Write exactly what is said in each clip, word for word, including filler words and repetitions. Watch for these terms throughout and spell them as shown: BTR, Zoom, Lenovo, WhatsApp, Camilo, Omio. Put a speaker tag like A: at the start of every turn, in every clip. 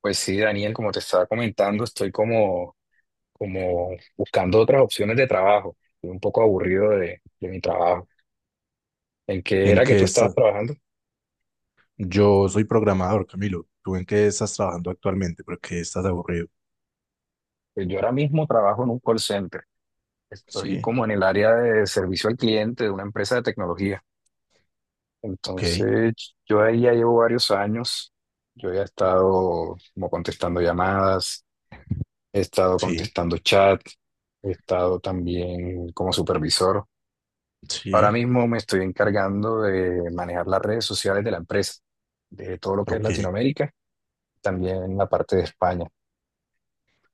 A: Pues sí, Daniel, como te estaba comentando, estoy como, como buscando otras opciones de trabajo. Estoy un poco aburrido de, de mi trabajo. ¿En qué
B: ¿En
A: era que
B: qué
A: tú estabas
B: estás?
A: trabajando?
B: Yo soy programador, Camilo. ¿Tú en qué estás trabajando actualmente? ¿Por qué estás aburrido?
A: Pues yo ahora mismo trabajo en un call center. Estoy
B: Sí.
A: como en el área de servicio al cliente de una empresa de tecnología.
B: Ok.
A: Entonces, yo ahí ya llevo varios años. Yo ya he estado como contestando llamadas, he estado
B: Sí,
A: contestando chat, he estado también como supervisor. Ahora
B: sí,
A: mismo me estoy encargando de manejar las redes sociales de la empresa, de todo lo que es
B: ok.
A: Latinoamérica, también la parte de España.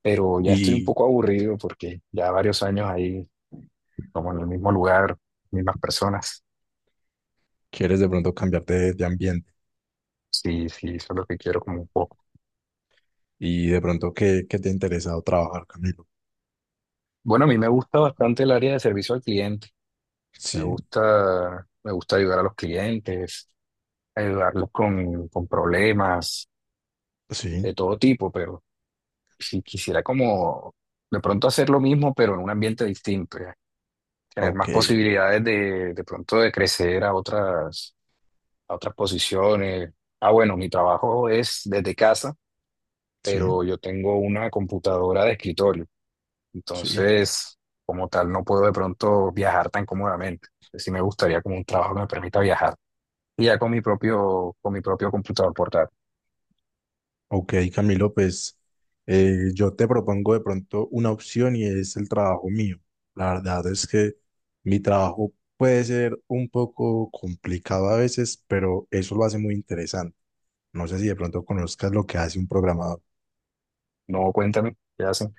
A: Pero ya estoy un
B: ¿Y
A: poco aburrido porque ya varios años ahí, como en el mismo lugar, mismas personas.
B: quieres de pronto cambiarte de, de ambiente?
A: Sí, sí, eso es lo que quiero como un poco.
B: ¿Y de pronto qué, qué te ha interesado trabajar, Camilo?
A: Bueno, a mí me gusta bastante el área de servicio al cliente. Me
B: Sí.
A: gusta, me gusta ayudar a los clientes, ayudarlos con, con problemas de
B: Sí,
A: todo tipo, pero si quisiera como de pronto hacer lo mismo, pero en un ambiente distinto. Tener
B: ok,
A: más posibilidades de, de pronto de crecer a otras, a otras posiciones. Ah, bueno, mi trabajo es desde casa,
B: sí,
A: pero yo tengo una computadora de escritorio,
B: sí.
A: entonces como tal no puedo de pronto viajar tan cómodamente. Sí me gustaría como un trabajo que me permita viajar. Y ya con mi propio, con mi propio computador portátil.
B: Ok, Camilo, pues eh, yo te propongo de pronto una opción y es el trabajo mío. La verdad es que mi trabajo puede ser un poco complicado a veces, pero eso lo hace muy interesante. No sé si de pronto conozcas lo que hace un programador.
A: No, cuéntame, ¿qué hacen?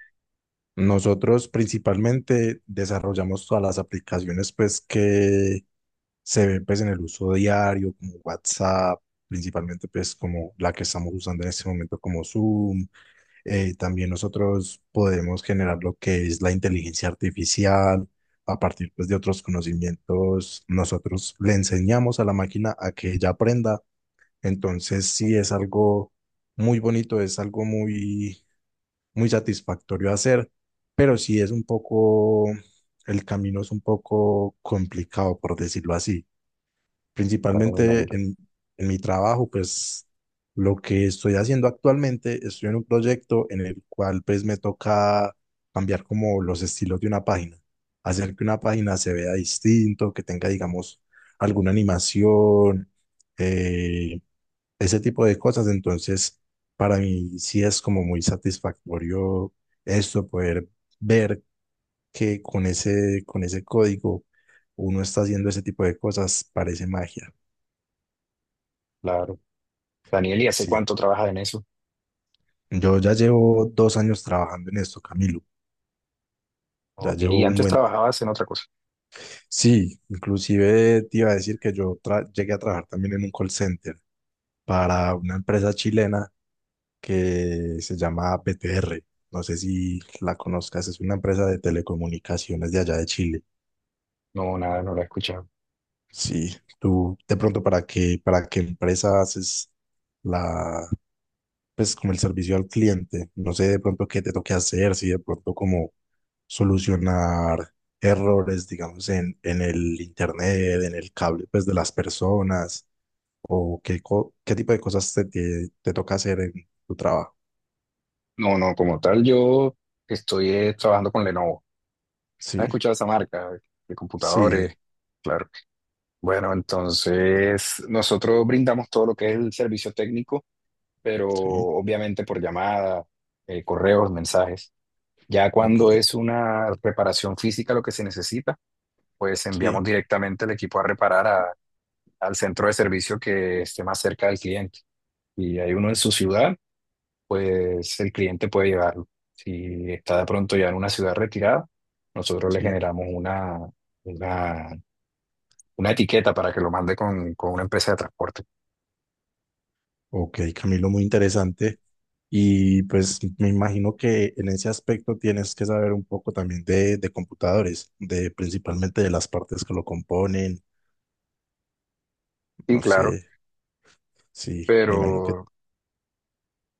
B: Nosotros principalmente desarrollamos todas las aplicaciones pues que se ven pues en el uso diario, como WhatsApp, principalmente pues como la que estamos usando en este momento como Zoom. Eh, también nosotros podemos generar lo que es la inteligencia artificial a partir pues, de otros conocimientos. Nosotros le enseñamos a la máquina a que ella aprenda. Entonces sí es algo muy bonito, es algo muy, muy satisfactorio hacer, pero sí es un poco, el camino es un poco complicado, por decirlo así.
A: Claro, me
B: Principalmente
A: imagino.
B: en, en mi trabajo, pues lo que estoy haciendo actualmente, estoy en un proyecto en el cual pues me toca cambiar como los estilos de una página, hacer que una página se vea distinto, que tenga, digamos, alguna animación, eh, ese tipo de cosas. Entonces, para mí sí es como muy satisfactorio esto, poder ver que con ese, con ese código uno está haciendo ese tipo de cosas, parece magia.
A: Claro. Daniel, ¿y hace
B: Sí,
A: cuánto trabajas en eso?
B: yo ya llevo dos años trabajando en esto, Camilo. Ya
A: Ok, y
B: llevo un
A: antes
B: buen...
A: trabajabas en otra cosa.
B: Sí, inclusive te iba a decir que yo tra- llegué a trabajar también en un call center para una empresa chilena que se llama B T R. No sé si la conozcas, es una empresa de telecomunicaciones de allá de Chile.
A: No, nada, no lo he escuchado.
B: Sí, tú de pronto para qué, para qué empresa haces la, pues como el servicio al cliente. No sé de pronto qué te toque hacer, si de pronto como solucionar errores, digamos, en, en el internet, en el cable, pues de las personas, o qué, co- qué tipo de cosas te, te, te toca hacer en tu trabajo.
A: No, no, como tal, yo estoy eh, trabajando con Lenovo. ¿Has
B: Sí,
A: escuchado esa marca de computadores?
B: sí,
A: Claro. Bueno, entonces nosotros brindamos todo lo que es el servicio técnico, pero
B: sí,
A: obviamente por llamada, eh, correos, mensajes. Ya
B: ok,
A: cuando es una reparación física lo que se necesita, pues enviamos
B: sí,
A: directamente el equipo a reparar a- al centro de servicio que esté más cerca del cliente. Y hay uno en su ciudad pues el cliente puede llevarlo. Si está de pronto ya en una ciudad retirada, nosotros le
B: sí.
A: generamos una, una, una etiqueta para que lo mande con, con una empresa de transporte.
B: Ok, Camilo, muy interesante. Y pues me imagino que en ese aspecto tienes que saber un poco también de, de computadores, de principalmente de las partes que lo componen.
A: Y
B: No sé,
A: claro,
B: sí, me imagino que
A: pero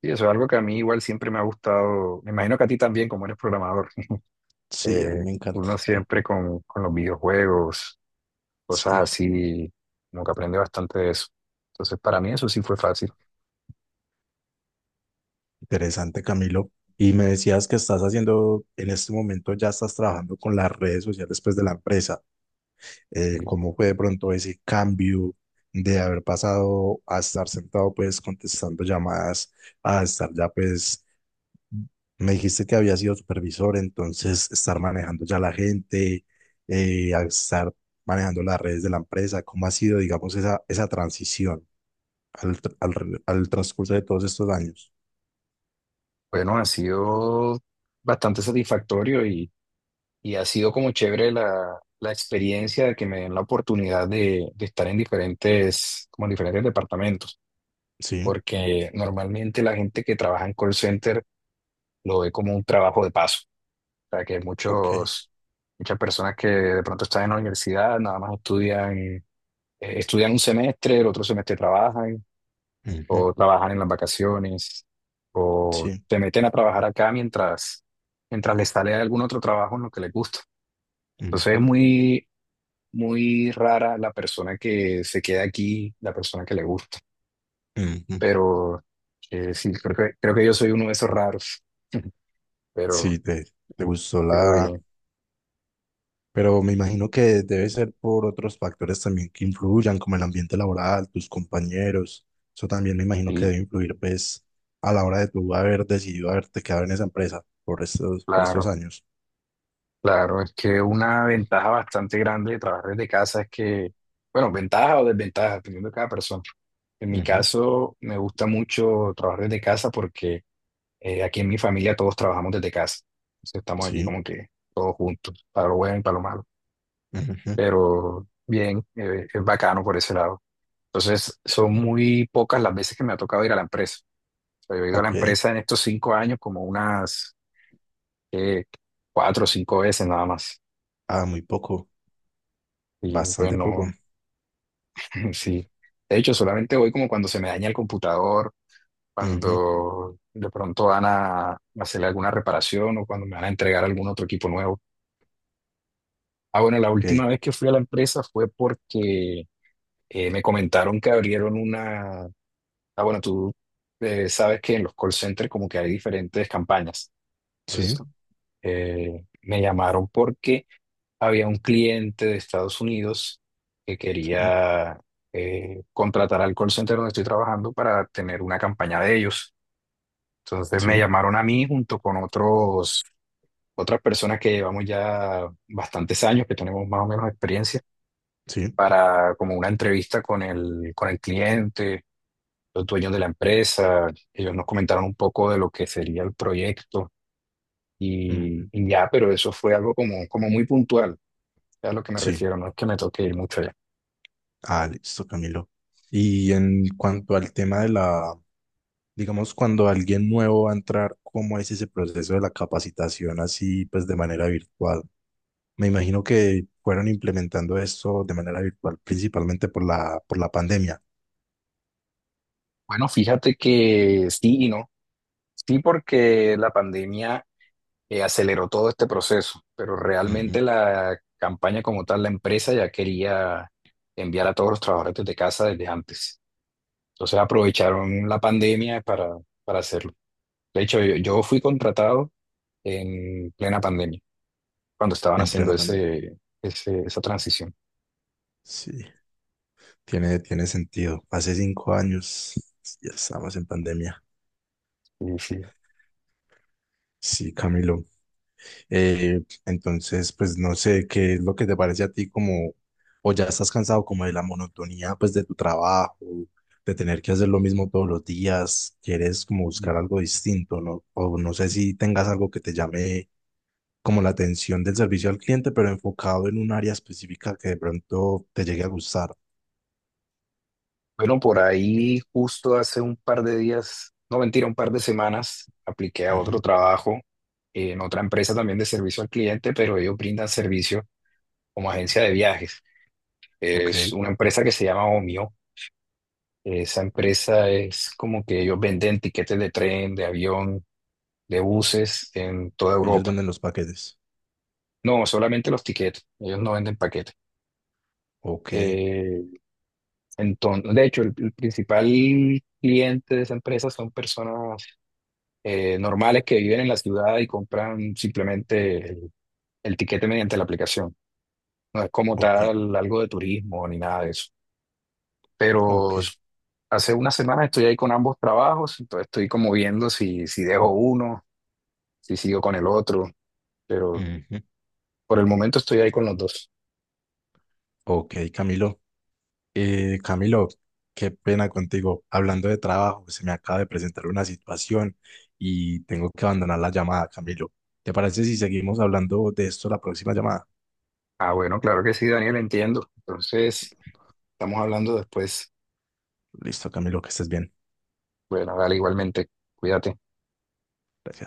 A: y eso es algo que a mí igual siempre me ha gustado. Me imagino que a ti también, como eres programador,
B: sí, a mí
A: eh,
B: me encanta.
A: uno siempre con, con los videojuegos, cosas
B: Sí,
A: así, como que aprende bastante de eso. Entonces, para mí eso sí fue fácil.
B: interesante, Camilo. Y me decías que estás haciendo, en este momento ya estás trabajando con las redes sociales pues de la empresa. Eh,
A: Y,
B: ¿cómo fue de pronto ese cambio de haber pasado a estar sentado pues contestando llamadas? A estar ya pues, me dijiste que había sido supervisor, entonces estar manejando ya la gente, eh, al estar manejando las redes de la empresa, ¿cómo ha sido, digamos, esa, esa transición al, tr- al re- al transcurso de todos estos años?
A: Bueno, ha sido bastante satisfactorio y ha sido como chévere la, la experiencia de que me den la oportunidad de, de estar en diferentes, como en diferentes departamentos,
B: Sí,
A: porque normalmente la gente que trabaja en call center lo ve como un trabajo de paso, o sea que
B: ok.
A: muchos, muchas personas que de pronto están en la universidad, nada más estudian, eh, estudian un semestre, el otro semestre trabajan,
B: Ujú.
A: o trabajan en las vacaciones, o
B: Sí.
A: se meten a trabajar acá mientras, mientras les sale algún otro trabajo en lo que les gusta. Entonces es
B: Ujú,
A: muy, muy rara la persona que se queda aquí, la persona que le gusta.
B: ujú.
A: Pero eh, sí, creo que, creo que yo soy uno de esos raros. Pero,
B: Sí, te, te gustó
A: pero
B: la...
A: bien,
B: Pero me imagino que debe ser por otros factores también que influyan, como el ambiente laboral, tus compañeros. Eso también me imagino que
A: y
B: debe influir, pues, a la hora de tú haber decidido haberte quedado en esa empresa por estos, por estos
A: claro,
B: años.
A: claro, es que una ventaja bastante grande de trabajar desde casa es que, bueno, ventaja o desventaja, dependiendo de cada persona. En mi
B: Ujú.
A: caso, me gusta mucho trabajar desde casa porque eh, aquí en mi familia todos trabajamos desde casa. Entonces estamos aquí
B: Sí.
A: como que todos juntos, para lo bueno y para lo malo.
B: Ujú.
A: Pero bien, eh, es bacano por ese lado. Entonces, son muy pocas las veces que me ha tocado ir a la empresa. O sea, yo he ido a la
B: Ok.
A: empresa en estos cinco años como unas eh, cuatro o cinco veces nada más.
B: Ah, muy poco.
A: Y pues
B: Bastante poco.
A: no, sí. De hecho, solamente voy como cuando se me daña el computador,
B: Ujú.
A: cuando de pronto van a hacerle alguna reparación o cuando me van a entregar algún otro equipo nuevo. Ah, bueno, la
B: Ok.
A: última vez que fui a la empresa fue porque eh, me comentaron que abrieron una. Ah, bueno, tú eh, sabes que en los call centers como que hay diferentes campañas. Entonces,
B: Sí,
A: eh, me llamaron porque había un cliente de Estados Unidos que
B: sí,
A: quería eh, contratar al call center donde estoy trabajando para tener una campaña de ellos. Entonces me
B: sí,
A: llamaron a mí junto con otros, otras personas que llevamos ya bastantes años, que tenemos más o menos experiencia,
B: sí.
A: para como una entrevista con el, con el cliente los dueños de la empresa, ellos nos comentaron un poco de lo que sería el proyecto
B: Ujú.
A: y, y ya, pero eso fue algo como, como muy puntual, es a lo que me
B: Sí.
A: refiero, no es que me toque ir mucho allá.
B: Ah, listo, Camilo. Y en cuanto al tema de la, digamos, cuando alguien nuevo va a entrar, ¿cómo es ese proceso de la capacitación así, pues de manera virtual? Me imagino que fueron implementando esto de manera virtual, principalmente por la, por la pandemia.
A: Bueno, fíjate que sí y no, sí porque la pandemia eh, aceleró todo este proceso, pero realmente
B: Ujú.
A: la campaña como tal, la empresa ya quería enviar a todos los trabajadores desde casa desde antes. Entonces aprovecharon la pandemia para, para hacerlo. De hecho, yo yo fui contratado en plena pandemia, cuando estaban
B: En
A: haciendo
B: plena pandemia.
A: ese, ese- esa transición.
B: Sí, tiene, tiene sentido. Hace cinco años ya estamos en pandemia.
A: Sí, sí.
B: Sí, Camilo. Eh, entonces, pues no sé qué es lo que te parece a ti como, o ya estás cansado como de la monotonía pues de tu trabajo, de tener que hacer lo mismo todos los días, quieres como buscar algo distinto, ¿no? O no sé si tengas algo que te llame como la atención del servicio al cliente, pero enfocado en un área específica que de pronto te llegue a gustar.
A: Bueno, por ahí justo hace un par de días, no mentira, un par de semanas, apliqué a otro
B: Ujú.
A: trabajo en otra empresa también de servicio al cliente, pero ellos brindan servicio como agencia de viajes.
B: Ok,
A: Es una empresa que se llama Omio. Esa empresa es como que ellos venden tiquetes de tren, de avión, de buses en toda
B: ellos
A: Europa.
B: venden los paquetes.
A: No, solamente los tiquetes. Ellos no venden paquetes.
B: Ok,
A: Eh, Entonces, de hecho, el, el principal cliente de esa empresa son personas eh, normales que viven en la ciudad y compran simplemente el, el tiquete mediante la aplicación. No es como
B: ok,
A: tal algo de turismo ni nada de eso.
B: ok.
A: Pero s- hace unas semanas estoy ahí con ambos trabajos, entonces estoy como viendo si, si dejo uno, si sigo con el otro, pero
B: Ujú.
A: por el momento estoy ahí con los dos.
B: Ok, Camilo. Eh, Camilo, qué pena contigo. Hablando de trabajo, se me acaba de presentar una situación y tengo que abandonar la llamada, Camilo. ¿Te parece si seguimos hablando de esto la próxima llamada?
A: Ah, bueno, claro que sí, Daniel, entiendo. Entonces, estamos hablando después.
B: Listo, Camilo, que estés bien.
A: Bueno, dale igualmente, cuídate.
B: Gracias.